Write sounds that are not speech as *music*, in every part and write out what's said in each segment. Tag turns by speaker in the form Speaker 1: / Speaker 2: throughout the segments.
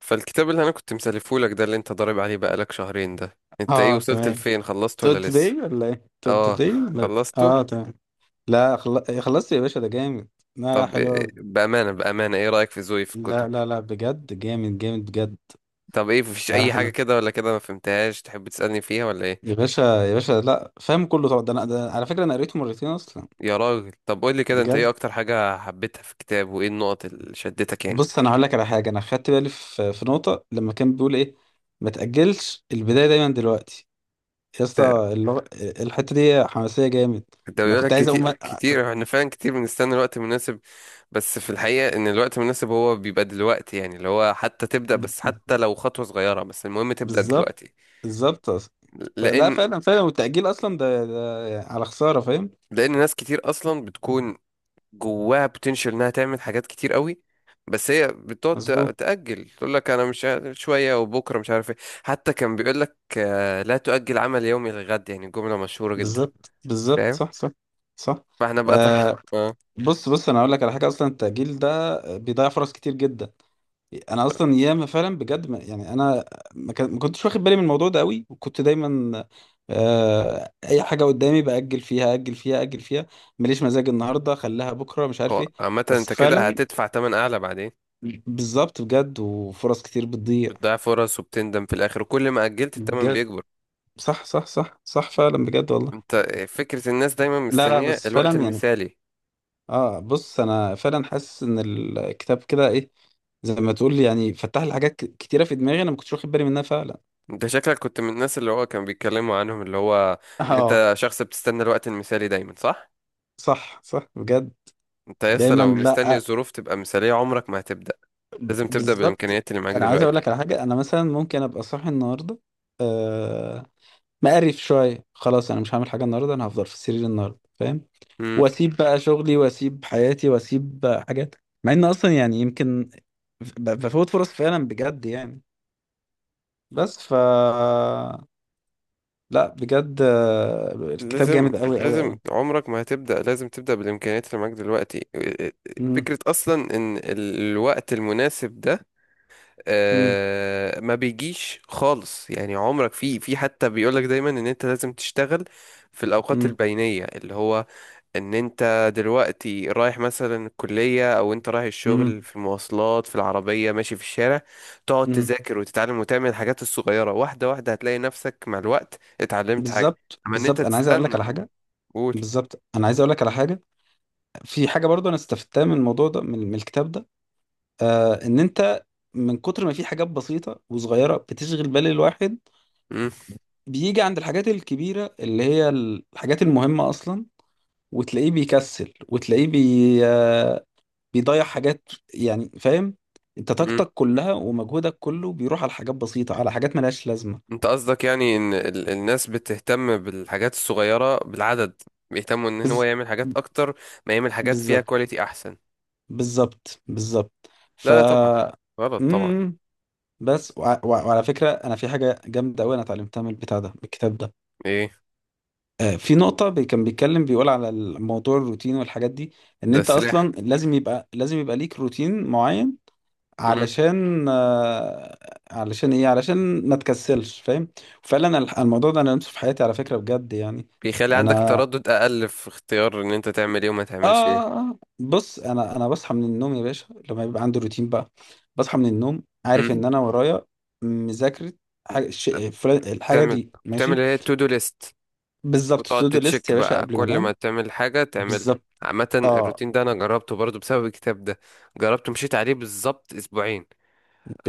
Speaker 1: فالكتاب اللي انا كنت مسلفهولك ده اللي انت ضارب عليه بقالك شهرين ده، انت ايه
Speaker 2: اه،
Speaker 1: وصلت
Speaker 2: تمام.
Speaker 1: لفين، خلصته ولا لسه؟
Speaker 2: تود
Speaker 1: اه،
Speaker 2: توداي ولا اه،
Speaker 1: خلصته.
Speaker 2: تمام. لا، خلصت يا باشا، ده جامد. لا، لا،
Speaker 1: طب
Speaker 2: حلو أوي.
Speaker 1: بأمانة بأمانة ايه رأيك في ذوقي في الكتب؟
Speaker 2: لا، لا، لا، بجد جامد جامد بجد.
Speaker 1: طب ايه، مفيش
Speaker 2: لا، لا،
Speaker 1: اي حاجة
Speaker 2: حلو.
Speaker 1: كده ولا كده ما فهمتهاش تحب تسألني فيها ولا ايه؟
Speaker 2: يا باشا، يا باشا، لا فاهم كله طبعا، ده على فكره انا قريته مرتين اصلا،
Speaker 1: يا راجل، طب قول لي كده، انت
Speaker 2: بجد.
Speaker 1: ايه اكتر حاجة حبيتها في الكتاب، وايه النقط اللي شدتك يعني؟
Speaker 2: بص، انا هقول لك على حاجه، انا خدت بالي في نقطه لما كان بيقول ايه، ما تاجلش البدايه، دايما دلوقتي. يا
Speaker 1: ده
Speaker 2: اسطى الحته دي حماسيه جامد.
Speaker 1: ده
Speaker 2: انا
Speaker 1: بيقول لك
Speaker 2: كنت عايز
Speaker 1: كتير
Speaker 2: اقوم
Speaker 1: كتير احنا فعلا كتير بنستنى الوقت المناسب. بس في الحقيقة ان الوقت المناسب هو بيبقى دلوقتي، يعني اللي هو حتى تبدأ،
Speaker 2: ب-
Speaker 1: بس حتى لو خطوة صغيرة بس المهم تبدأ
Speaker 2: بالظبط،
Speaker 1: دلوقتي.
Speaker 2: بالظبط، فلا
Speaker 1: لان
Speaker 2: فعلا فعلا، والتأجيل أصلا ده على خسارة، فاهم.
Speaker 1: لان ناس كتير اصلا بتكون جواها بوتنشال انها تعمل حاجات كتير قوي، بس هي بتقعد
Speaker 2: مظبوط.
Speaker 1: تأجل، تقول لك انا مش عارف- شويه وبكره مش عارف ايه. حتى كان بيقول لك لا تؤجل عمل يومي للغد، يعني جمله مشهوره جدا.
Speaker 2: بالظبط، بالظبط،
Speaker 1: فاهم؟
Speaker 2: صح، صح، صح،
Speaker 1: فاحنا بقى طبعا *laughs*
Speaker 2: آه.
Speaker 1: اه.
Speaker 2: بص، بص، أنا أقول لك على حاجة، أصلا التأجيل ده بيضيع فرص كتير جدا. أنا أصلا ياما فعلا بجد، ما يعني أنا ما كنتش واخد بالي من الموضوع ده قوي، وكنت دايما أي حاجة قدامي بأجل فيها، أجل فيها، أجل فيها. ماليش مزاج النهاردة، خليها بكرة، مش عارف
Speaker 1: هو
Speaker 2: إيه.
Speaker 1: عامه
Speaker 2: بس
Speaker 1: انت كده
Speaker 2: فعلا
Speaker 1: هتدفع تمن اعلى بعدين.
Speaker 2: بالظبط، بجد، وفرص كتير بتضيع.
Speaker 1: بتضيع فرص وبتندم في الاخر، وكل ما اجلت التمن
Speaker 2: بجد
Speaker 1: بيكبر.
Speaker 2: صح، صح، صح، صح، فعلا بجد والله.
Speaker 1: انت، فكره الناس دايما
Speaker 2: لا، لا،
Speaker 1: مستنيه
Speaker 2: بس
Speaker 1: الوقت
Speaker 2: فعلا يعني
Speaker 1: المثالي.
Speaker 2: اه بص، انا فعلا حاسس ان الكتاب كده ايه، زي ما تقول، يعني فتح لي حاجات كتيره في دماغي، انا ما كنتش واخد بالي منها فعلا.
Speaker 1: انت شكلك كنت من الناس اللي هو كان بيتكلموا عنهم، اللي هو
Speaker 2: *laughs*
Speaker 1: ان
Speaker 2: اه،
Speaker 1: انت شخص بتستنى الوقت المثالي دايما، صح؟
Speaker 2: صح، صح، بجد.
Speaker 1: انت لسه
Speaker 2: دايما،
Speaker 1: لو مستني
Speaker 2: لا.
Speaker 1: الظروف تبقى مثالية عمرك ما هتبدأ. لازم تبدأ
Speaker 2: بالظبط،
Speaker 1: بالامكانيات اللي معاك
Speaker 2: انا عايز اقول
Speaker 1: دلوقتي.
Speaker 2: لك على حاجه، انا مثلا ممكن ابقى صاحي النهارده، آه، مقرف شويه، خلاص انا مش هعمل حاجه النهارده، انا هفضل في السرير النهارده، فاهم.
Speaker 1: امم
Speaker 2: واسيب بقى شغلي، واسيب حياتي، واسيب حاجات، مع ان اصلا يعني يمكن بفوت فرص فعلا، بجد يعني. بس لا، بجد، الكتاب
Speaker 1: لازم
Speaker 2: جامد قوي قوي
Speaker 1: لازم
Speaker 2: قوي.
Speaker 1: عمرك ما هتبدأ، لازم تبدأ بالامكانيات اللي معاك دلوقتي.
Speaker 2: مم،
Speaker 1: فكرة اصلا ان الوقت المناسب ده
Speaker 2: مم،
Speaker 1: ما بيجيش خالص، يعني عمرك في حتى بيقولك دايما ان انت لازم تشتغل في الاوقات
Speaker 2: مم،
Speaker 1: البينية، اللي هو ان انت دلوقتي رايح مثلا الكلية او انت رايح
Speaker 2: مم،
Speaker 1: الشغل، في المواصلات، في العربية، ماشي في الشارع، تقعد
Speaker 2: مم.
Speaker 1: تذاكر وتتعلم وتعمل الحاجات الصغيرة واحدة واحدة، هتلاقي نفسك مع الوقت اتعلمت حاجة.
Speaker 2: بالظبط،
Speaker 1: اما ان انت
Speaker 2: بالظبط، انا عايز اقول لك
Speaker 1: تستنى
Speaker 2: على حاجه.
Speaker 1: قول.
Speaker 2: بالظبط انا عايز اقول لك على حاجه في حاجه برضو انا استفدتها من الموضوع ده، من الكتاب ده، ان انت من كتر ما في حاجات بسيطة وصغيرة بتشغل بال الواحد،
Speaker 1: مم،
Speaker 2: بيجي عند الحاجات الكبيرة اللي هي الحاجات المهمة أصلا، وتلاقيه بيكسل، وتلاقيه آه بيضيع حاجات، يعني فاهم، انت طاقتك كلها ومجهودك كله بيروح على حاجات بسيطة، على حاجات ملهاش لازمة.
Speaker 1: انت قصدك يعني ان الناس بتهتم بالحاجات الصغيرة بالعدد، بيهتموا ان هو
Speaker 2: بز...
Speaker 1: يعمل حاجات اكتر، ما يعمل حاجات فيها
Speaker 2: بالظبط،
Speaker 1: كواليتي احسن.
Speaker 2: بالظبط، بالظبط. ف
Speaker 1: لا لا طبعا، غلط طبعا.
Speaker 2: مم. بس وع وع وعلى فكرة، أنا في حاجة جامدة أوي، أنا اتعلمتها من البتاع ده، من الكتاب ده.
Speaker 1: ايه؟
Speaker 2: في نقطة كان بيتكلم، بيقول على الموضوع الروتين والحاجات دي، ان
Speaker 1: ده
Speaker 2: انت
Speaker 1: سلاح.
Speaker 2: اصلا لازم يبقى ليك روتين معين،
Speaker 1: مم.
Speaker 2: علشان علشان ايه؟ علشان ما تكسلش، فاهم. فعلا الموضوع ده انا لمسه في حياتي على فكرة، بجد يعني.
Speaker 1: بيخلي عندك
Speaker 2: انا
Speaker 1: تردد اقل في اختيار ان انت تعمل ايه وما
Speaker 2: اه
Speaker 1: تعملش
Speaker 2: آه،
Speaker 1: ايه.
Speaker 2: بص، انا بصحى من النوم يا باشا، لما يبقى عندي روتين بقى، بصحى من النوم
Speaker 1: مم.
Speaker 2: عارف ان انا ورايا مذاكرة، حاجة
Speaker 1: لا،
Speaker 2: الحاجة
Speaker 1: بتعمل
Speaker 2: دي
Speaker 1: بتعمل
Speaker 2: ماشي.
Speaker 1: اللي هي تو دو ليست،
Speaker 2: بالظبط،
Speaker 1: وتقعد
Speaker 2: تو دو ليست
Speaker 1: تتشيك
Speaker 2: يا باشا،
Speaker 1: بقى،
Speaker 2: قبل ما
Speaker 1: كل ما
Speaker 2: انام.
Speaker 1: تعمل حاجة تعمل.
Speaker 2: بالظبط
Speaker 1: عامة
Speaker 2: اه،
Speaker 1: الروتين ده انا جربته برضو بسبب الكتاب ده، جربته مشيت عليه بالظبط اسبوعين.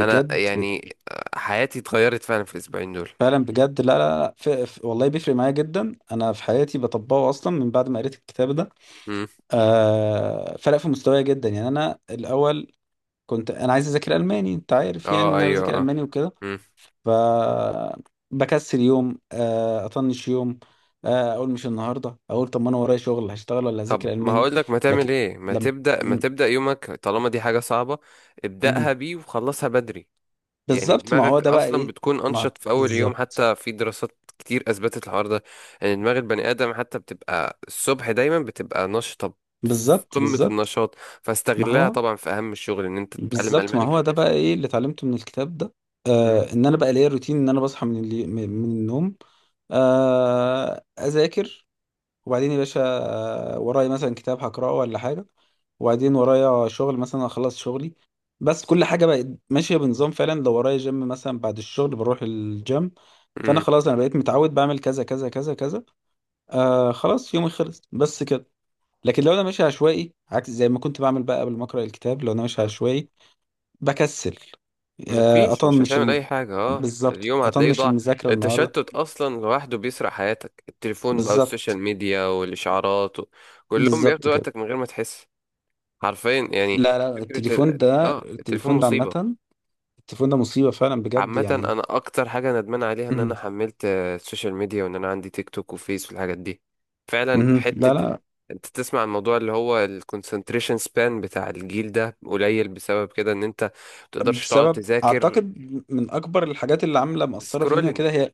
Speaker 1: انا يعني حياتي اتغيرت فعلا في الاسبوعين دول.
Speaker 2: فعلا بجد، لا، لا، لا، والله بيفرق معايا جدا، انا في حياتي بطبقه اصلا من بعد ما قريت الكتاب ده.
Speaker 1: امم
Speaker 2: فرق في مستواي جدا، يعني انا الاول كنت انا عايز اذاكر الماني، انت عارف يعني ان
Speaker 1: اه،
Speaker 2: انا
Speaker 1: ايوه،
Speaker 2: بذاكر
Speaker 1: اه.
Speaker 2: الماني وكده.
Speaker 1: امم
Speaker 2: ف بكسل يوم، اطنش يوم، اقول مش النهارده، اقول طب ما انا ورايا شغل، هشتغل ولا
Speaker 1: طب
Speaker 2: هذاكر
Speaker 1: ما
Speaker 2: الماني؟
Speaker 1: هقول لك ما تعمل
Speaker 2: لكن
Speaker 1: ايه، ما
Speaker 2: لم
Speaker 1: تبدا ما
Speaker 2: م-
Speaker 1: تبدا يومك طالما دي حاجه صعبه، ابداها
Speaker 2: م-
Speaker 1: بيه وخلصها بدري. يعني
Speaker 2: بالظبط، ما هو
Speaker 1: دماغك
Speaker 2: ده بقى
Speaker 1: اصلا
Speaker 2: ايه،
Speaker 1: بتكون
Speaker 2: ما
Speaker 1: انشط في اول يوم،
Speaker 2: بالظبط،
Speaker 1: حتى في دراسات كتير اثبتت الحوار ده. ان يعني دماغ البني ادم حتى بتبقى الصبح دايما بتبقى نشطه، في
Speaker 2: بالظبط،
Speaker 1: قمه
Speaker 2: بالظبط
Speaker 1: النشاط.
Speaker 2: ما
Speaker 1: فاستغلها
Speaker 2: هو
Speaker 1: طبعا في اهم الشغل، ان انت تتعلم
Speaker 2: بالظبط، ما
Speaker 1: الماني
Speaker 2: هو
Speaker 1: خليها
Speaker 2: ده بقى
Speaker 1: الصبح.
Speaker 2: ايه اللي اتعلمته من الكتاب ده. ان انا بقى ليا روتين، ان انا بصحى من اللي من من النوم، اذاكر، وبعدين يا باشا، ورايا مثلا كتاب هقراه ولا حاجه، وبعدين ورايا شغل، مثلا اخلص شغلي. بس كل حاجه بقت ماشيه بنظام فعلا، لو ورايا جيم مثلا بعد الشغل بروح الجيم. فانا خلاص، انا بقيت متعود بعمل كذا كذا كذا كذا، خلاص يومي خلص، بس كده. لكن لو انا ماشي عشوائي، عكس زي ما كنت بعمل بقى قبل ما اقرا الكتاب، لو انا ماشي
Speaker 1: امم
Speaker 2: عشوائي بكسل، آه،
Speaker 1: مفيش، مش
Speaker 2: اطنش
Speaker 1: هتعمل
Speaker 2: الم...
Speaker 1: اي حاجة،
Speaker 2: بالظبط،
Speaker 1: اليوم هتلاقيه
Speaker 2: اطنش
Speaker 1: ضاع.
Speaker 2: المذاكره النهارده.
Speaker 1: التشتت اصلا لوحده بيسرق حياتك، التليفون بقى والسوشيال
Speaker 2: بالظبط،
Speaker 1: ميديا والاشعارات و كلهم
Speaker 2: بالظبط
Speaker 1: بياخدوا
Speaker 2: كده.
Speaker 1: وقتك من غير ما تحس. حرفيا يعني.
Speaker 2: لا، لا،
Speaker 1: فكرة
Speaker 2: التليفون
Speaker 1: ال-
Speaker 2: ده
Speaker 1: اه التليفون
Speaker 2: التليفون ده
Speaker 1: مصيبة.
Speaker 2: عامه، التليفون ده مصيبه فعلا، بجد
Speaker 1: عامة
Speaker 2: يعني.
Speaker 1: انا اكتر حاجة ندمان عليها ان انا
Speaker 2: مهم.
Speaker 1: حملت السوشيال ميديا، وان انا عندي تيك توك وفيس والحاجات دي. فعلا
Speaker 2: مهم. لا،
Speaker 1: حتة ال-
Speaker 2: لا،
Speaker 1: انت تسمع الموضوع اللي هو الكونسنتريشن سبان بتاع الجيل ده قليل بسبب كده، ان انت متقدرش تقعد
Speaker 2: بسبب
Speaker 1: تذاكر.
Speaker 2: اعتقد من اكبر الحاجات اللي عامله مأثره فينا كده، هي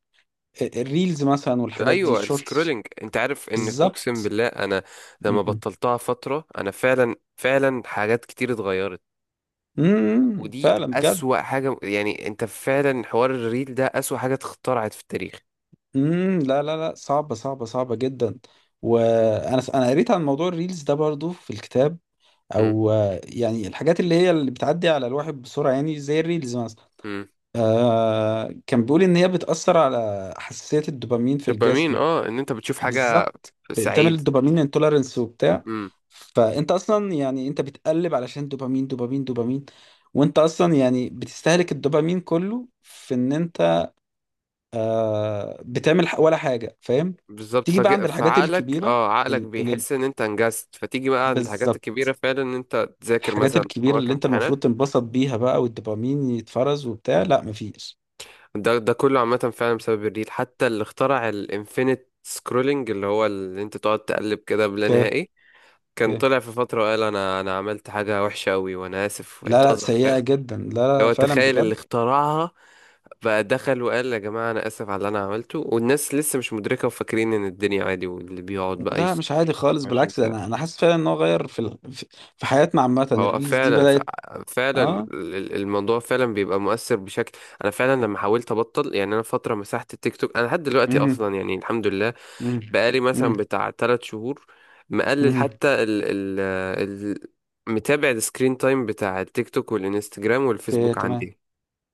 Speaker 2: الريلز مثلا والحاجات دي،
Speaker 1: ايوه،
Speaker 2: شورتس.
Speaker 1: السكرولينج، انت عارف ان، اقسم
Speaker 2: بالظبط
Speaker 1: بالله انا لما
Speaker 2: مهم.
Speaker 1: بطلتها فتره انا فعلا فعلا حاجات كتير اتغيرت.
Speaker 2: مهم.
Speaker 1: ودي
Speaker 2: فعلا بجد.
Speaker 1: اسوأ حاجه، يعني انت فعلا حوار الريل ده اسوأ حاجه اتخترعت في التاريخ.
Speaker 2: مم. لا، لا، لا، صعبه صعبه صعبه جدا. وانا قريت عن موضوع الريلز ده برضو في الكتاب،
Speaker 1: امم،
Speaker 2: او يعني الحاجات اللي هي اللي بتعدي على الواحد بسرعه، يعني زي الريلز مثلا.
Speaker 1: امم.
Speaker 2: كان بيقول ان هي بتاثر على حساسيه الدوبامين في
Speaker 1: دوبامين،
Speaker 2: الجسم.
Speaker 1: ان انت بتشوف حاجه
Speaker 2: بالظبط، بتعمل
Speaker 1: سعيد.
Speaker 2: الدوبامين انتولرنس وبتاع.
Speaker 1: امم
Speaker 2: فانت اصلا يعني انت بتقلب علشان دوبامين دوبامين دوبامين، وانت اصلا يعني بتستهلك الدوبامين كله في ان انت بتعمل ولا حاجه، فاهم.
Speaker 1: بالظبط،
Speaker 2: تيجي بقى
Speaker 1: فج...
Speaker 2: عند الحاجات
Speaker 1: فعقلك
Speaker 2: الكبيره،
Speaker 1: اه عقلك
Speaker 2: ال- ال-
Speaker 1: بيحس ان انت انجزت، فتيجي بقى عند حاجات
Speaker 2: بالظبط،
Speaker 1: كبيره فعلا ان انت تذاكر
Speaker 2: الحاجات
Speaker 1: مثلا،
Speaker 2: الكبيرة
Speaker 1: وراك
Speaker 2: اللي انت
Speaker 1: امتحانات.
Speaker 2: المفروض تنبسط بيها بقى والدوبامين يتفرز وبتاع، لا مفيش.
Speaker 1: ده كله عامة فعلا بسبب الريل، حتى اللي اخترع الانفينيت سكرولنج، اللي هو اللي انت تقعد تقلب كده بلا
Speaker 2: اوكي.
Speaker 1: نهائي، كان
Speaker 2: اوكي.
Speaker 1: طلع في فترة وقال انا عملت حاجة وحشة قوي وانا اسف
Speaker 2: لا، لا،
Speaker 1: واعتذر،
Speaker 2: سيئة
Speaker 1: فاهم؟
Speaker 2: جدا، لا، لا،
Speaker 1: لو
Speaker 2: فعلا
Speaker 1: تخيل اللي
Speaker 2: بجد.
Speaker 1: اخترعها بقى، دخل وقال يا جماعة انا اسف على اللي انا عملته، والناس لسه مش مدركة وفاكرين ان الدنيا عادي، واللي بيقعد بقى
Speaker 2: ده مش عادي خالص،
Speaker 1: 24
Speaker 2: بالعكس ده انا
Speaker 1: ساعة.
Speaker 2: انا حاسس فعلا ان هو غير في في في حياتنا، عامة
Speaker 1: هو
Speaker 2: الريلز دي
Speaker 1: فعلا
Speaker 2: بدأت. اه.
Speaker 1: الموضوع فعلا بيبقى مؤثر بشكل. انا فعلا لما حاولت ابطل، يعني انا فتره مسحت التيك توك، انا لحد دلوقتي
Speaker 2: امم.
Speaker 1: اصلا يعني الحمد لله،
Speaker 2: امم.
Speaker 1: بقالي
Speaker 2: امم.
Speaker 1: مثلا بتاع تلات شهور، مقلل
Speaker 2: امم.
Speaker 1: حتى ال متابع السكرين تايم بتاع التيك توك والانستجرام
Speaker 2: اوكي،
Speaker 1: والفيسبوك
Speaker 2: تمام.
Speaker 1: عندي،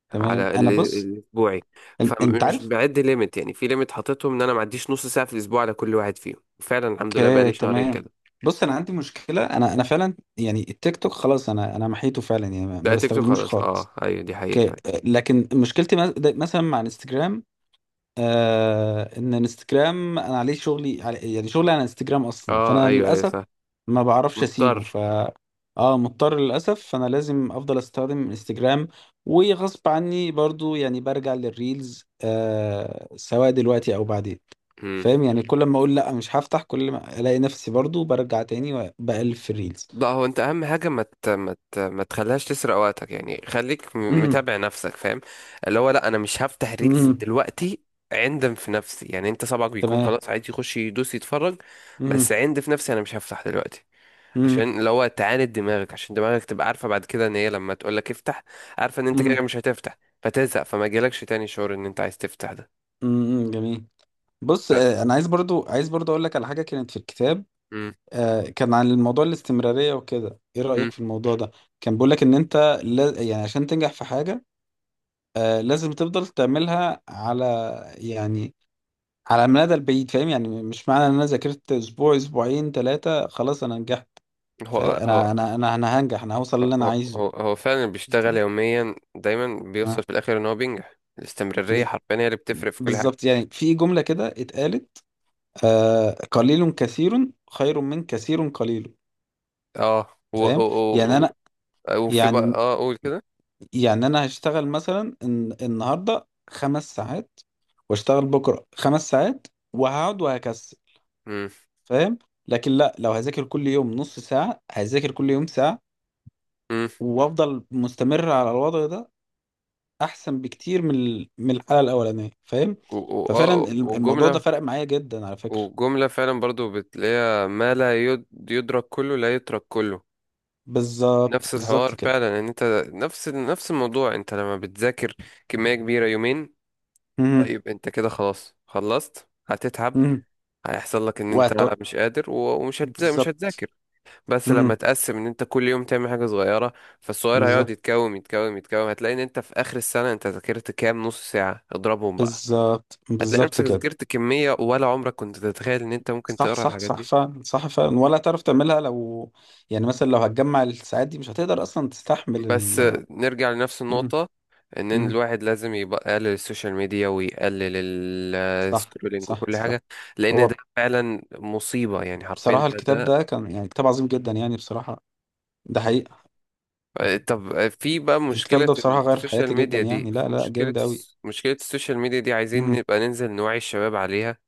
Speaker 2: تمام،
Speaker 1: على
Speaker 2: انا بص
Speaker 1: الاسبوعي.
Speaker 2: انت
Speaker 1: فمش
Speaker 2: عارف.
Speaker 1: بعد ليميت، يعني في ليميت حاططهم ان انا ما عديش نص ساعه في الاسبوع على كل واحد فيهم، فعلا الحمد لله
Speaker 2: اوكي،
Speaker 1: بقالي شهرين
Speaker 2: تمام.
Speaker 1: كده.
Speaker 2: بص، انا عندي مشكلة، انا فعلا يعني التيك توك خلاص انا محيته فعلا، يعني ما
Speaker 1: لا، تيك توك
Speaker 2: بستخدموش
Speaker 1: خلاص. اه،
Speaker 2: خالص.
Speaker 1: ايوه، دي حقيقه
Speaker 2: اوكي.
Speaker 1: فعلا.
Speaker 2: لكن مشكلتي مثلا مع انستجرام، ان انستجرام انا عليه شغلي، علي يعني شغلي على انستجرام اصلا،
Speaker 1: اه،
Speaker 2: فانا
Speaker 1: ايوه، ايوه،
Speaker 2: للاسف
Speaker 1: صح.
Speaker 2: ما بعرفش اسيبه.
Speaker 1: مضطر.
Speaker 2: اه، مضطر للاسف، فانا لازم افضل استخدم انستجرام، وغصب عني برضو، يعني برجع للريلز سواء دلوقتي او بعدين.
Speaker 1: مم.
Speaker 2: فاهم يعني، كل ما اقول لا مش هفتح، كل ما الاقي نفسي برضو برجع تاني وبقلب في الريلز.
Speaker 1: لا، هو انت اهم حاجه ما مت... مت... ما تخليهاش تسرق وقتك يعني، خليك
Speaker 2: امم.
Speaker 1: متابع نفسك، فاهم. اللي هو لا، انا مش هفتح ريلز
Speaker 2: امم.
Speaker 1: دلوقتي. عندم في نفسي، يعني انت صبعك بيكون
Speaker 2: تمام.
Speaker 1: خلاص عادي، يخش يدوس يتفرج. بس
Speaker 2: امم
Speaker 1: عند في نفسي انا مش هفتح دلوقتي، عشان اللي هو تعاند دماغك، عشان دماغك تبقى عارفه بعد كده ان هي لما تقول لك افتح، عارفه ان انت كده
Speaker 2: امم.
Speaker 1: مش هتفتح، فتزهق، فما جالكش تاني شعور ان انت عايز تفتح ده.
Speaker 2: امم، جميل. بص،
Speaker 1: ف-
Speaker 2: انا عايز برضو اقول لك على حاجه كانت في الكتاب،
Speaker 1: مم.
Speaker 2: كان عن الموضوع الاستمراريه وكده، ايه رايك
Speaker 1: مم.
Speaker 2: في الموضوع ده؟ كان بيقول لك ان انت لا، يعني عشان تنجح في حاجه، لازم تفضل تعملها على، يعني على المدى البعيد، فاهم يعني مش معنى ان انا ذاكرت اسبوع، اسبوعين، ثلاثه، خلاص انا نجحت،
Speaker 1: هو هو
Speaker 2: فانا انا انا انا هنجح، انا هوصل اللي انا
Speaker 1: هو
Speaker 2: عايزه.
Speaker 1: هو فعلا بيشتغل يوميا دايما، بيوصل
Speaker 2: آه،
Speaker 1: في الاخر ان هو بينجح، الاستمرارية
Speaker 2: بز-
Speaker 1: حرفيا هي اللي بتفرق في كل حاجة.
Speaker 2: بالظبط، يعني في جمله كده اتقالت، قليل كثير خير من كثير قليل،
Speaker 1: اه،
Speaker 2: فاهم يعني انا،
Speaker 1: وفي بقى،
Speaker 2: يعني
Speaker 1: قول كده.
Speaker 2: يعني انا هشتغل مثلا النهارده 5 ساعات، واشتغل بكره 5 ساعات، وهقعد وهكسل،
Speaker 1: امم،
Speaker 2: فاهم. لكن لا، لو هذاكر كل يوم نص ساعه، هذاكر كل يوم ساعه،
Speaker 1: امم.
Speaker 2: وافضل مستمر على الوضع ده، احسن بكتير من من الحاله الاولانيه، فاهم.
Speaker 1: و- و-
Speaker 2: ففعلا
Speaker 1: اه
Speaker 2: الموضوع
Speaker 1: وجملة
Speaker 2: ده فرق معايا جدا، على فكره.
Speaker 1: وجملة فعلا برضو بتلاقيها، ما لا يدرك كله لا يترك كله.
Speaker 2: بالظبط،
Speaker 1: نفس
Speaker 2: بالظبط
Speaker 1: الحوار
Speaker 2: كده.
Speaker 1: فعلا، ان انت نفس الموضوع، انت لما بتذاكر كمية كبيرة يومين،
Speaker 2: مهم.
Speaker 1: طيب انت كده خلاص خلصت هتتعب.
Speaker 2: مهم.
Speaker 1: هيحصل لك ان
Speaker 2: وهت-
Speaker 1: انت مش قادر ومش هتذا- مش
Speaker 2: بالظبط.
Speaker 1: هتذاكر. بس لما
Speaker 2: مهم.
Speaker 1: تقسم ان انت كل يوم تعمل حاجة صغيرة، فالصغير هيقعد
Speaker 2: بالظبط،
Speaker 1: يتكوم يتكوم يتكوم، هتلاقي ان انت في اخر السنة انت ذاكرت كام نص ساعة اضربهم بقى.
Speaker 2: بالظبط،
Speaker 1: هتلاقي
Speaker 2: بالظبط
Speaker 1: نفسك
Speaker 2: كده.
Speaker 1: ذاكرت كمية ولا عمرك كنت تتخيل ان انت ممكن
Speaker 2: صح،
Speaker 1: تقرا
Speaker 2: صح،
Speaker 1: الحاجات
Speaker 2: صح،
Speaker 1: دي.
Speaker 2: فعلا صح فعلا، ولا تعرف تعملها لو، يعني مثلا لو هتجمع الساعات دي مش هتقدر اصلا تستحمل
Speaker 1: بس نرجع لنفس
Speaker 2: مم.
Speaker 1: النقطة، ان
Speaker 2: مم.
Speaker 1: الواحد لازم يبقى يقلل السوشيال ميديا ويقلل
Speaker 2: صح،
Speaker 1: السكرولينج
Speaker 2: صح،
Speaker 1: وكل
Speaker 2: صح.
Speaker 1: حاجة، لان ده
Speaker 2: هو
Speaker 1: فعلا مصيبة يعني حرفيا
Speaker 2: بصراحة
Speaker 1: ده
Speaker 2: الكتاب
Speaker 1: ده
Speaker 2: ده كان يعني كتاب عظيم جدا، يعني بصراحة ده حقيقة.
Speaker 1: طب في بقى
Speaker 2: الكتاب ده بصراحة غير في حياتي جدا، يعني لا، لا، جامد قوي.
Speaker 1: مشكلة السوشيال ميديا دي عايزين
Speaker 2: مم.
Speaker 1: نبقى ننزل نوعي الشباب عليها،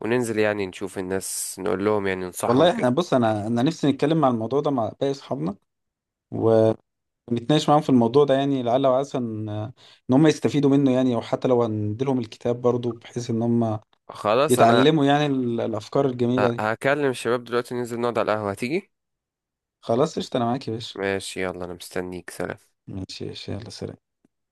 Speaker 1: وننزل يعني نشوف الناس، نقول لهم يعني ننصحهم
Speaker 2: والله
Speaker 1: كده.
Speaker 2: احنا بص، انا نفسي نتكلم مع الموضوع ده مع باقي اصحابنا، ونتناقش معاهم في الموضوع ده، يعني لعل وعسى إن هم يستفيدوا منه، يعني او حتى لو هنديلهم الكتاب برضو بحيث ان هم
Speaker 1: خلاص، أنا
Speaker 2: يتعلموا يعني الافكار الجميله دي.
Speaker 1: هكلم الشباب دلوقتي، ننزل نقعد على القهوة، هتيجي؟
Speaker 2: خلاص قشطه، انا معاك يا باشا.
Speaker 1: ماشي، يلا أنا مستنيك، سلام.
Speaker 2: ماشي، ماشي، يلا، سلام.